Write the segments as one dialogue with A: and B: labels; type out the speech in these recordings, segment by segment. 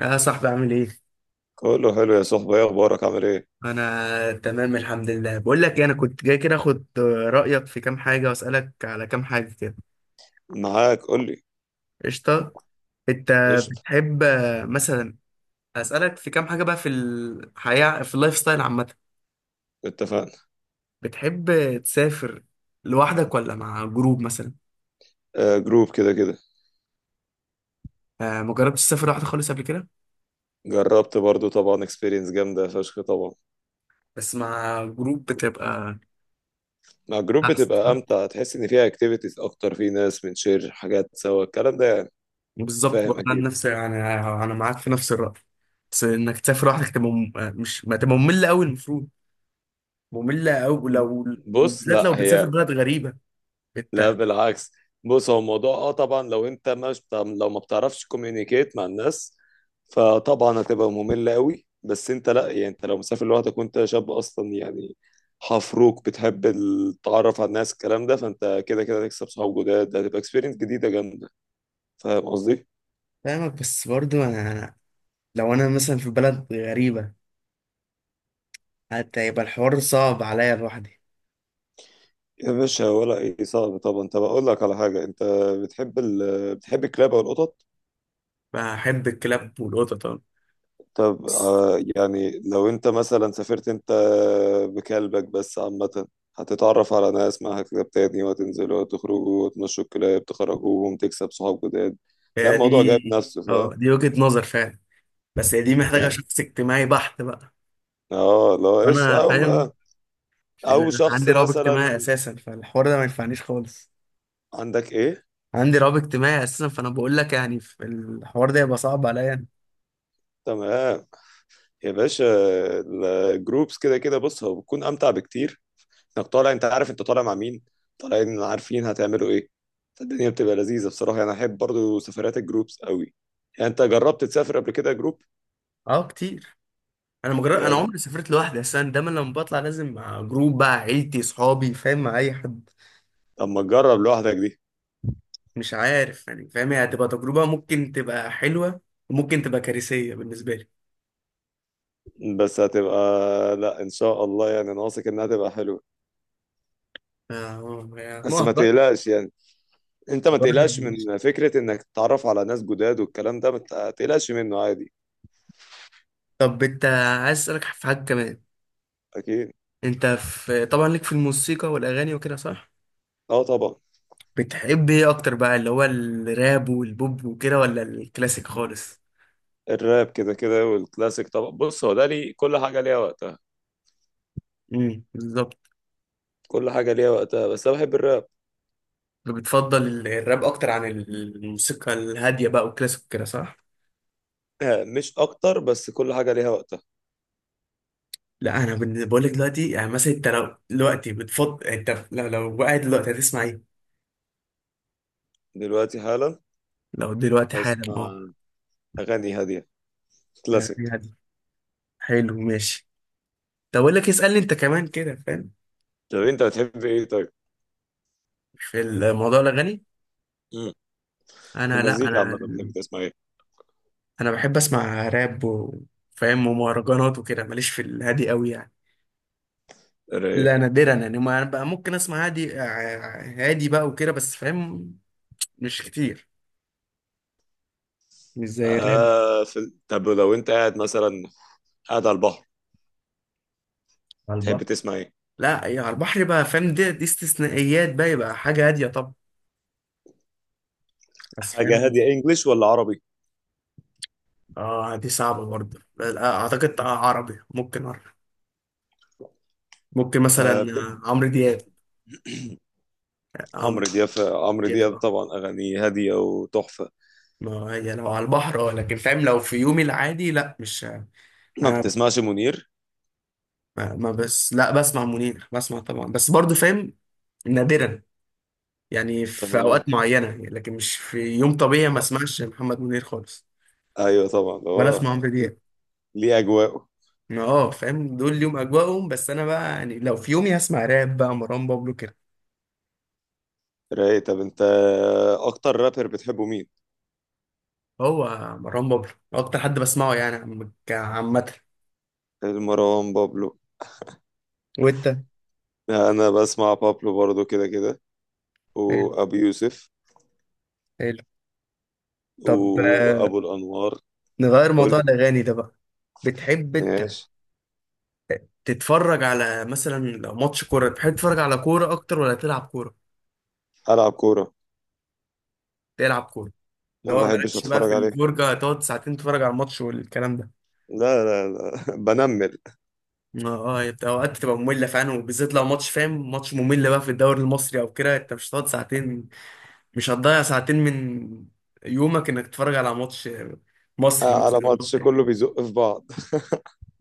A: يا صاحبي عامل ايه؟
B: كله حلو يا صاحبي، ايه اخبارك؟ عامل ايه؟
A: انا تمام، الحمد لله. بقول لك إيه، انا كنت جاي كده اخد رأيك في كام حاجة واسألك على كام حاجة كده.
B: معاك، قول لي.
A: قشطة. انت
B: قشطة.
A: بتحب مثلا اسألك في كام حاجة بقى في الحياة، في اللايف ستايل عامة؟
B: اتفقنا.
A: بتحب تسافر لوحدك ولا مع جروب مثلا؟
B: آه، جروب كده كده.
A: آه، ما جربتش تسافر لوحدك خالص قبل كده؟
B: جربت برضو طبعا، اكسبيرينس جامدة فشخ طبعا.
A: بس مع جروب بتبقى
B: مع جروب
A: احسن
B: بتبقى
A: صح؟
B: امتع، تحس ان فيها اكتيفيتيز اكتر، في ناس بنشير حاجات سوا، الكلام ده يعني. انت
A: بالظبط
B: فاهم
A: برضه. انا
B: اكيد.
A: نفس انا انا معاك في نفس الرأي، بس انك تسافر لوحدك تبقى مم- مش ما تبقى مملة قوي المفروض، مملة أوي لو.
B: بص،
A: وبالذات لو
B: لا
A: بتسافر
B: هي.
A: بلد غريبة
B: لا
A: أنت.
B: بالعكس. بص، هو الموضوع اه طبعا، لو انت مش لو ما بتعرفش كوميونيكيت مع الناس فطبعا هتبقى مملة قوي، بس انت لا، يعني انت لو مسافر لوحدك وانت شاب اصلا، يعني حفروك بتحب التعرف على الناس الكلام ده، فانت كده كده هتكسب صحاب جداد، هتبقى اكسبيرينس جديدة جامدة. فاهم قصدي؟
A: فاهمك، بس برضو لو أنا مثلا في بلد غريبة حتى يبقى الحوار صعب عليا لوحدي.
B: يا باشا، ولا ايه؟ صعب طبعا. طب اقول لك على حاجة، انت بتحب بتحب الكلاب او القطط؟
A: بحب الكلاب والقطط أوي.
B: طب
A: بس
B: آه، يعني لو انت مثلا سافرت انت بكلبك، بس عامة هتتعرف على ناس معاها كلاب تاني، وهتنزلوا وتخرجوا وتمشوا الكلاب، تخرجوهم، تكسب صحاب جداد، تلاقي
A: هي
B: الموضوع
A: دي.
B: جايب نفسه.
A: اه
B: فاهم
A: دي وجهة نظر فعلا، بس هي دي محتاجة
B: يعني؟
A: شخص اجتماعي بحت بقى.
B: اه، لو ايش
A: وأنا
B: او
A: فاهم، لأن
B: او
A: أنا
B: شخص
A: عندي رهاب
B: مثلا.
A: اجتماعي أساسا، فالحوار ده ما ينفعنيش خالص.
B: عندك ايه؟
A: عندي رهاب اجتماعي أساسا، فأنا بقول لك يعني في الحوار ده يبقى صعب عليا أنا.
B: تمام يا باشا. الجروبس كده كده، بص، هو بتكون امتع بكتير، انك طالع، انت عارف انت طالع مع مين، طالعين عارفين هتعملوا ايه، فالدنيا بتبقى لذيذة. بصراحة انا احب برضو سفرات الجروبس قوي. يعني انت جربت تسافر قبل كده جروب؟
A: أه كتير. انا مجرد انا
B: جامد.
A: عمري سافرت لوحدي، بس انا دايما لما بطلع لازم مع جروب بقى، عيلتي، صحابي، فاهم، مع اي حد.
B: طب ما تجرب لوحدك دي.
A: مش عارف يعني، فاهم هي هتبقى تجربه ممكن تبقى حلوه وممكن تبقى كارثيه بالنسبه لي.
B: بس هتبقى، لا ان شاء الله، يعني انا واثق انها تبقى حلوه.
A: يعني
B: بس
A: ما
B: ما
A: هجرب.
B: تقلقش يعني، انت ما
A: هجرب
B: تقلقش
A: ماشي.
B: من فكره انك تتعرف على ناس جداد والكلام ده، ما تقلقش منه عادي.
A: طب انت عايز اسالك في حاجه كمان.
B: اكيد.
A: انت طبعا ليك في الموسيقى والاغاني وكده صح؟
B: اه طبعا.
A: بتحب ايه اكتر بقى، اللي هو الراب والبوب وكده ولا الكلاسيك خالص؟
B: الراب كده كده والكلاسيك طبعا. بص، هو ده لي كل حاجه ليها وقتها،
A: بالظبط.
B: كل حاجه ليها وقتها، بس انا بحب الراب.
A: بتفضل الراب اكتر عن الموسيقى الهاديه بقى والكلاسيك كده صح؟
B: مش اكتر، بس كل حاجه ليها وقتها.
A: لا بقول لك دلوقتي، يعني مثلا انت، لو قاعد دلوقتي هتسمع ايه؟
B: دلوقتي حالا
A: لو دلوقتي حالا اه.
B: اسمع اغاني هاديه، كلاسيك.
A: هي دي. حلو ماشي. طب اقول لك اسالني انت كمان كده فاهم.
B: طب انت بتحب ايه طيب؟
A: في الموضوع الاغاني.
B: مم. في
A: انا، لا،
B: المزيكا عامه
A: انا
B: بتحب تسمع ايه؟
A: انا بحب اسمع راب وفاهم ومهرجانات وكده، ماليش في الهادي قوي يعني.
B: رايق.
A: لا نادرا يعني، ما انا بقى ممكن اسمع هادي بقى وكده بس فاهم. مش كتير، مش زي الراب.
B: آه، طب لو انت قاعد، مثلا على البحر،
A: على
B: تحب
A: البحر.
B: تسمع ايه؟
A: لا يا على البحر بقى فاهم، دي استثنائيات بقى، يبقى حاجه هاديه طبعا، بس
B: حاجه
A: فاهم.
B: هاديه، انجليش ولا عربي؟
A: اه دي صعبة برضه. لا، اعتقد عربي، ممكن عربي. ممكن
B: آه،
A: مثلا
B: بت-
A: عمرو دياب. عمرو
B: عمرو
A: دياب
B: دياب. عمرو
A: كده
B: دياب
A: اه.
B: طبعا، اغانيه هاديه وتحفه.
A: ما هي لو على البحر اه، لكن فاهم لو في يومي العادي لا، مش
B: ما
A: انا.
B: بتسمعش منير؟
A: ما ما بس لا، بسمع منير، بسمع طبعا بس برضه فاهم. نادرا. يعني في
B: تمام.
A: اوقات معينة يعني، لكن مش في يوم طبيعي ما اسمعش محمد منير خالص.
B: ايوه طبعا،
A: ولا اسمع
B: هو
A: عمرو دياب.
B: ليه اجواءه.
A: ما فاهم دول ليهم اجواءهم، بس انا بقى يعني لو في يومي هسمع راب بقى مروان بابلو.
B: رايق. طب انت اكتر رابر بتحبه مين؟
A: هو مروان بابلو اكتر حد بسمعه يعني عامه.
B: المروان بابلو.
A: وانت؟
B: انا بسمع بابلو برضو كده كده،
A: حلو
B: وابو يوسف
A: حلو. طب
B: وابو الانوار.
A: نغير
B: قول
A: موضوع
B: لي.
A: الاغاني ده بقى. بتحب انت
B: ماشي.
A: تتفرج على مثلا لو ماتش كوره، بتحب تتفرج على كوره اكتر ولا تلعب كوره؟
B: العب كوره.
A: تلعب كوره. اللي
B: انا ما
A: هو
B: بحبش
A: مالكش بقى
B: اتفرج
A: في
B: عليه.
A: الفرجه تقعد ساعتين تتفرج على الماتش والكلام ده.
B: لا لا لا، بنمل.
A: اه اوقات تبقى ممله فعلا، وبالذات لو ماتش فاهم ماتش ممل بقى في الدوري المصري او كده، انت مش هتقعد ساعتين، مش هتضيع ساعتين من يومك انك تتفرج على ماتش مصري
B: آه، على
A: مثلا أو ماتش.
B: ماتش كله بيزق في بعض.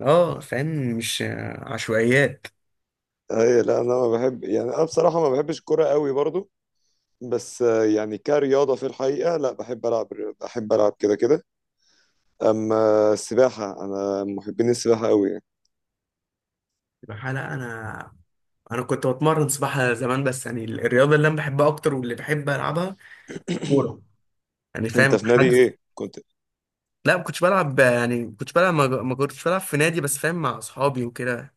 A: اه فاهم. مش عشوائيات.
B: اي لا، انا ما بحب، يعني انا بصراحه ما بحبش الكوره قوي برضو، بس آه، يعني كرياضه في الحقيقه لا، بحب العب، بحب العب كده كده. اما السباحه، انا من محبين السباحه قوي يعني.
A: الحقيقة لا انا. انا كنت بتمرن سباحة زمان، بس يعني الرياضة اللي انا بحبها اكتر واللي بحب العبها كورة، يعني
B: انت
A: فاهم
B: في نادي
A: حجز.
B: ايه كنت؟
A: لا ما كنتش بلعب، يعني ما كنتش بلعب، ما كنتش بلعب في نادي، بس فاهم مع اصحابي وكده.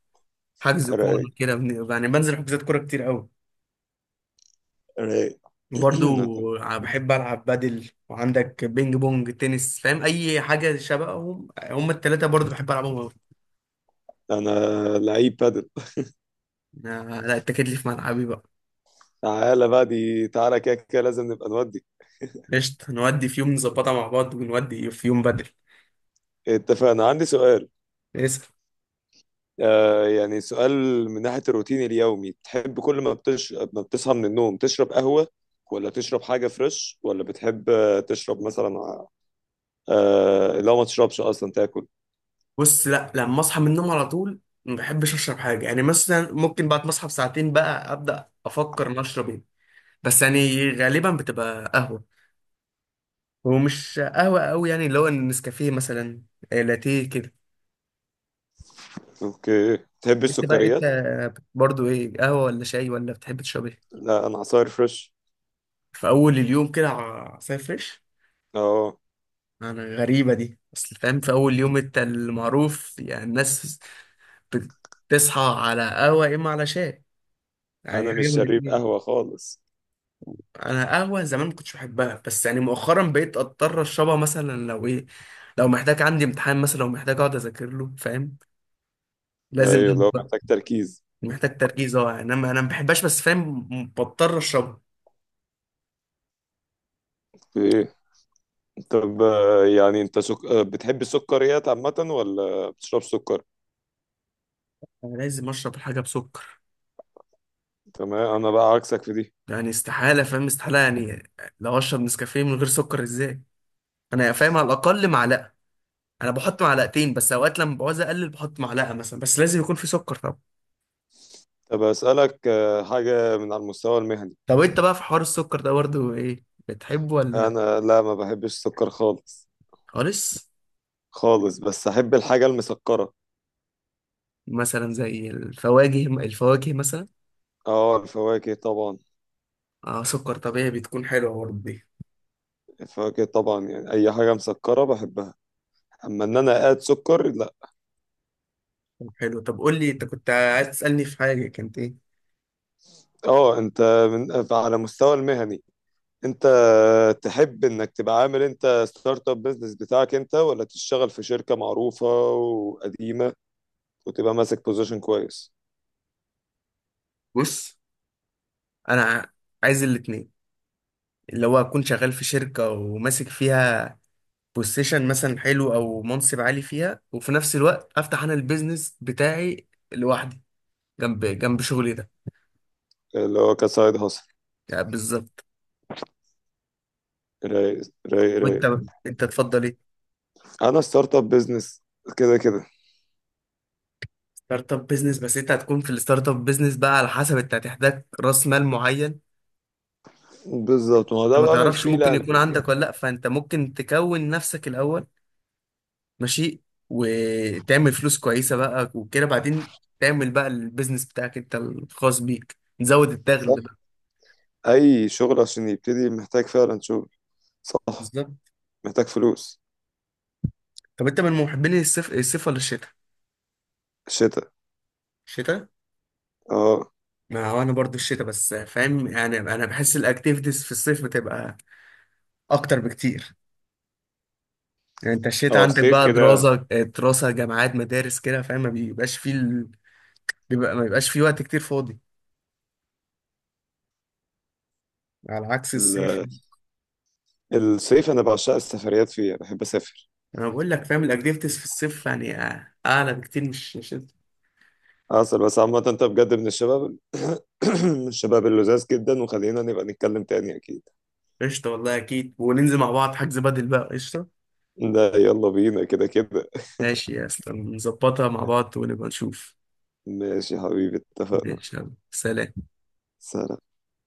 A: حجز كورة
B: رايق.
A: كده يعني بنزل حجوزات كورة كتير قوي.
B: رايق.
A: وبرضو بحب العب بدل، وعندك بينج بونج، تنس، فاهم اي حاجة شبههم، هم التلاتة برضو بحب العبهم قوي.
B: انا لعيب بادل.
A: لا لا، اتكد لي في ملعبي بقى.
B: تعالى بقى دي، تعالى كده كده لازم نبقى نودي.
A: قشطة، نودي في يوم، نظبطها مع بعض ونودي في يوم بدري.
B: اتفقنا. عندي سؤال.
A: اسأل.
B: آه، يعني سؤال من ناحية الروتين اليومي، تحب كل ما بتصحى من النوم تشرب قهوة، ولا تشرب حاجة فريش، ولا بتحب آه، تشرب مثلا لو ما تشربش أصلا تاكل؟
A: بص، لا لما اصحى من النوم على طول ما بحبش اشرب حاجة، يعني مثلا ممكن بعد ما اصحى بساعتين بقى ابدا افكر ان اشرب ايه، بس يعني غالبا بتبقى قهوة، ومش قهوة قوي يعني، اللي هو النسكافيه مثلا، لاتيه كده.
B: اوكي. تحب
A: انت بقى، انت
B: السكريات؟
A: برضو ايه، قهوة ولا شاي ولا بتحب تشرب ايه؟
B: لا، أنا عصاير فريش.
A: في اول اليوم كده عصاير فريش.
B: اه.
A: انا غريبة دي، اصل فاهم في اول يوم انت المعروف يعني الناس بتصحى على قهوة يا إما على شاي، يعني
B: أنا مش
A: حاجة من
B: شريف
A: الاتنين.
B: قهوة خالص.
A: أنا قهوة زمان ما كنتش بحبها، بس يعني مؤخرا بقيت أضطر أشربها مثلا لو إيه، لو محتاج، عندي امتحان مثلا، لو محتاج أقعد أذاكر له فاهم، لازم
B: ايوه،
A: قهوة
B: لو
A: بقى.
B: محتاج تركيز.
A: محتاج تركيز أه يعني أنا ما بحبهاش بس فاهم بضطر أشربها.
B: طب آه، يعني انت سك... آه، بتحب السكريات عامة ولا بتشرب سكر؟
A: أنا لازم أشرب الحاجة بسكر،
B: تمام. انا بقى عكسك في دي.
A: يعني استحالة فاهم استحالة يعني، لو أشرب نسكافيه من غير سكر إزاي، أنا فاهم على الأقل معلقة، أنا بحط معلقتين بس أوقات لما بعوز أقلل بحط معلقة مثلا، بس لازم يكون في سكر طبعا.
B: طب اسألك آه، حاجة من على المستوى المهني.
A: طب انت بقى في حوار السكر ده برضه ايه، بتحبه ولا؟
B: انا لا، ما بحبش السكر خالص،
A: خالص.
B: خالص. بس احب الحاجة المسكرة.
A: مثلا زي الفواكه مثلا.
B: اه، الفواكه طبعا.
A: اه سكر طبيعي، بتكون حلوه برضه دي.
B: الفواكه طبعا، يعني اي حاجة مسكرة بحبها، اما ان انا اقاد سكر لا.
A: طب حلو. قول لي انت كنت عايز تسالني في حاجه، كانت ايه؟
B: اه، انت على مستوى المهني، انت تحب انك تبقى عامل انت ستارت اب بزنس بتاعك انت، ولا تشتغل في شركة معروفة وقديمة، كنت بقى ماسك بوزيشن كويس؟
A: بص، انا عايز الاتنين، اللي هو اكون شغال في شركه وماسك فيها بوزيشن مثلا حلو او منصب عالي فيها، وفي نفس الوقت افتح انا البيزنس بتاعي لوحدي جنب جنب شغلي ده،
B: اللي هو كسايد هاسل.
A: يعني بالظبط.
B: رايق. رايق
A: وانت،
B: رايق.
A: انت تفضل ايه؟
B: انا ستارت اب بزنس كده كده.
A: ستارت اب بزنس. بس انت هتكون في الستارت اب بزنس بقى على حسب، انت هتحتاج راس مال معين.
B: بالظبط، ما هو
A: انت
B: ده
A: ما
B: بقى من
A: تعرفش ممكن يكون
B: الفريلانسنج
A: عندك
B: يعني.
A: ولا لا، فانت ممكن تكون نفسك الاول ماشي، وتعمل فلوس كويسه بقى وكده بعدين تعمل بقى البيزنس بتاعك انت الخاص بيك، نزود الدخل
B: صح.
A: بقى.
B: اي شغل عشان يبتدي محتاج فعلا شغل. صح،
A: بالظبط.
B: محتاج فلوس.
A: طب انت من محبين الصيف؟ الصيف ولا الشتاء؟
B: شتاء.
A: الشتاء؟
B: اه.
A: ما هو انا برضو الشتاء، بس فاهم يعني انا بحس الاكتيفيتيز في الصيف بتبقى اكتر بكتير، يعني انت الشتاء
B: اه
A: عندك
B: الصيف
A: بقى
B: كده.
A: دراسة، دراسة، جامعات، مدارس كده فاهم، ما بيبقاش فيه ال... ما بيبقاش فيه وقت كتير فاضي على عكس الصيف.
B: ال- الصيف انا بعشق السفريات فيه، بحب اسافر.
A: انا بقول لك فاهم الاكتيفيتيز في الصيف يعني اعلى بكتير، مش انت.
B: اصل بس عامة، انت بجد من الشباب من الشباب اللذاذ جدا، وخلينا نبقى نتكلم تاني اكيد.
A: قشطة والله اكيد، وننزل مع بعض، حجز بدل بقى قشطة.
B: ده يلا بينا كده كده.
A: ماشي يا اسطى، نظبطها مع بعض ونبقى نشوف.
B: ماشي يا حبيبي، اتفقنا.
A: ماشي يلا سلام.
B: سلام.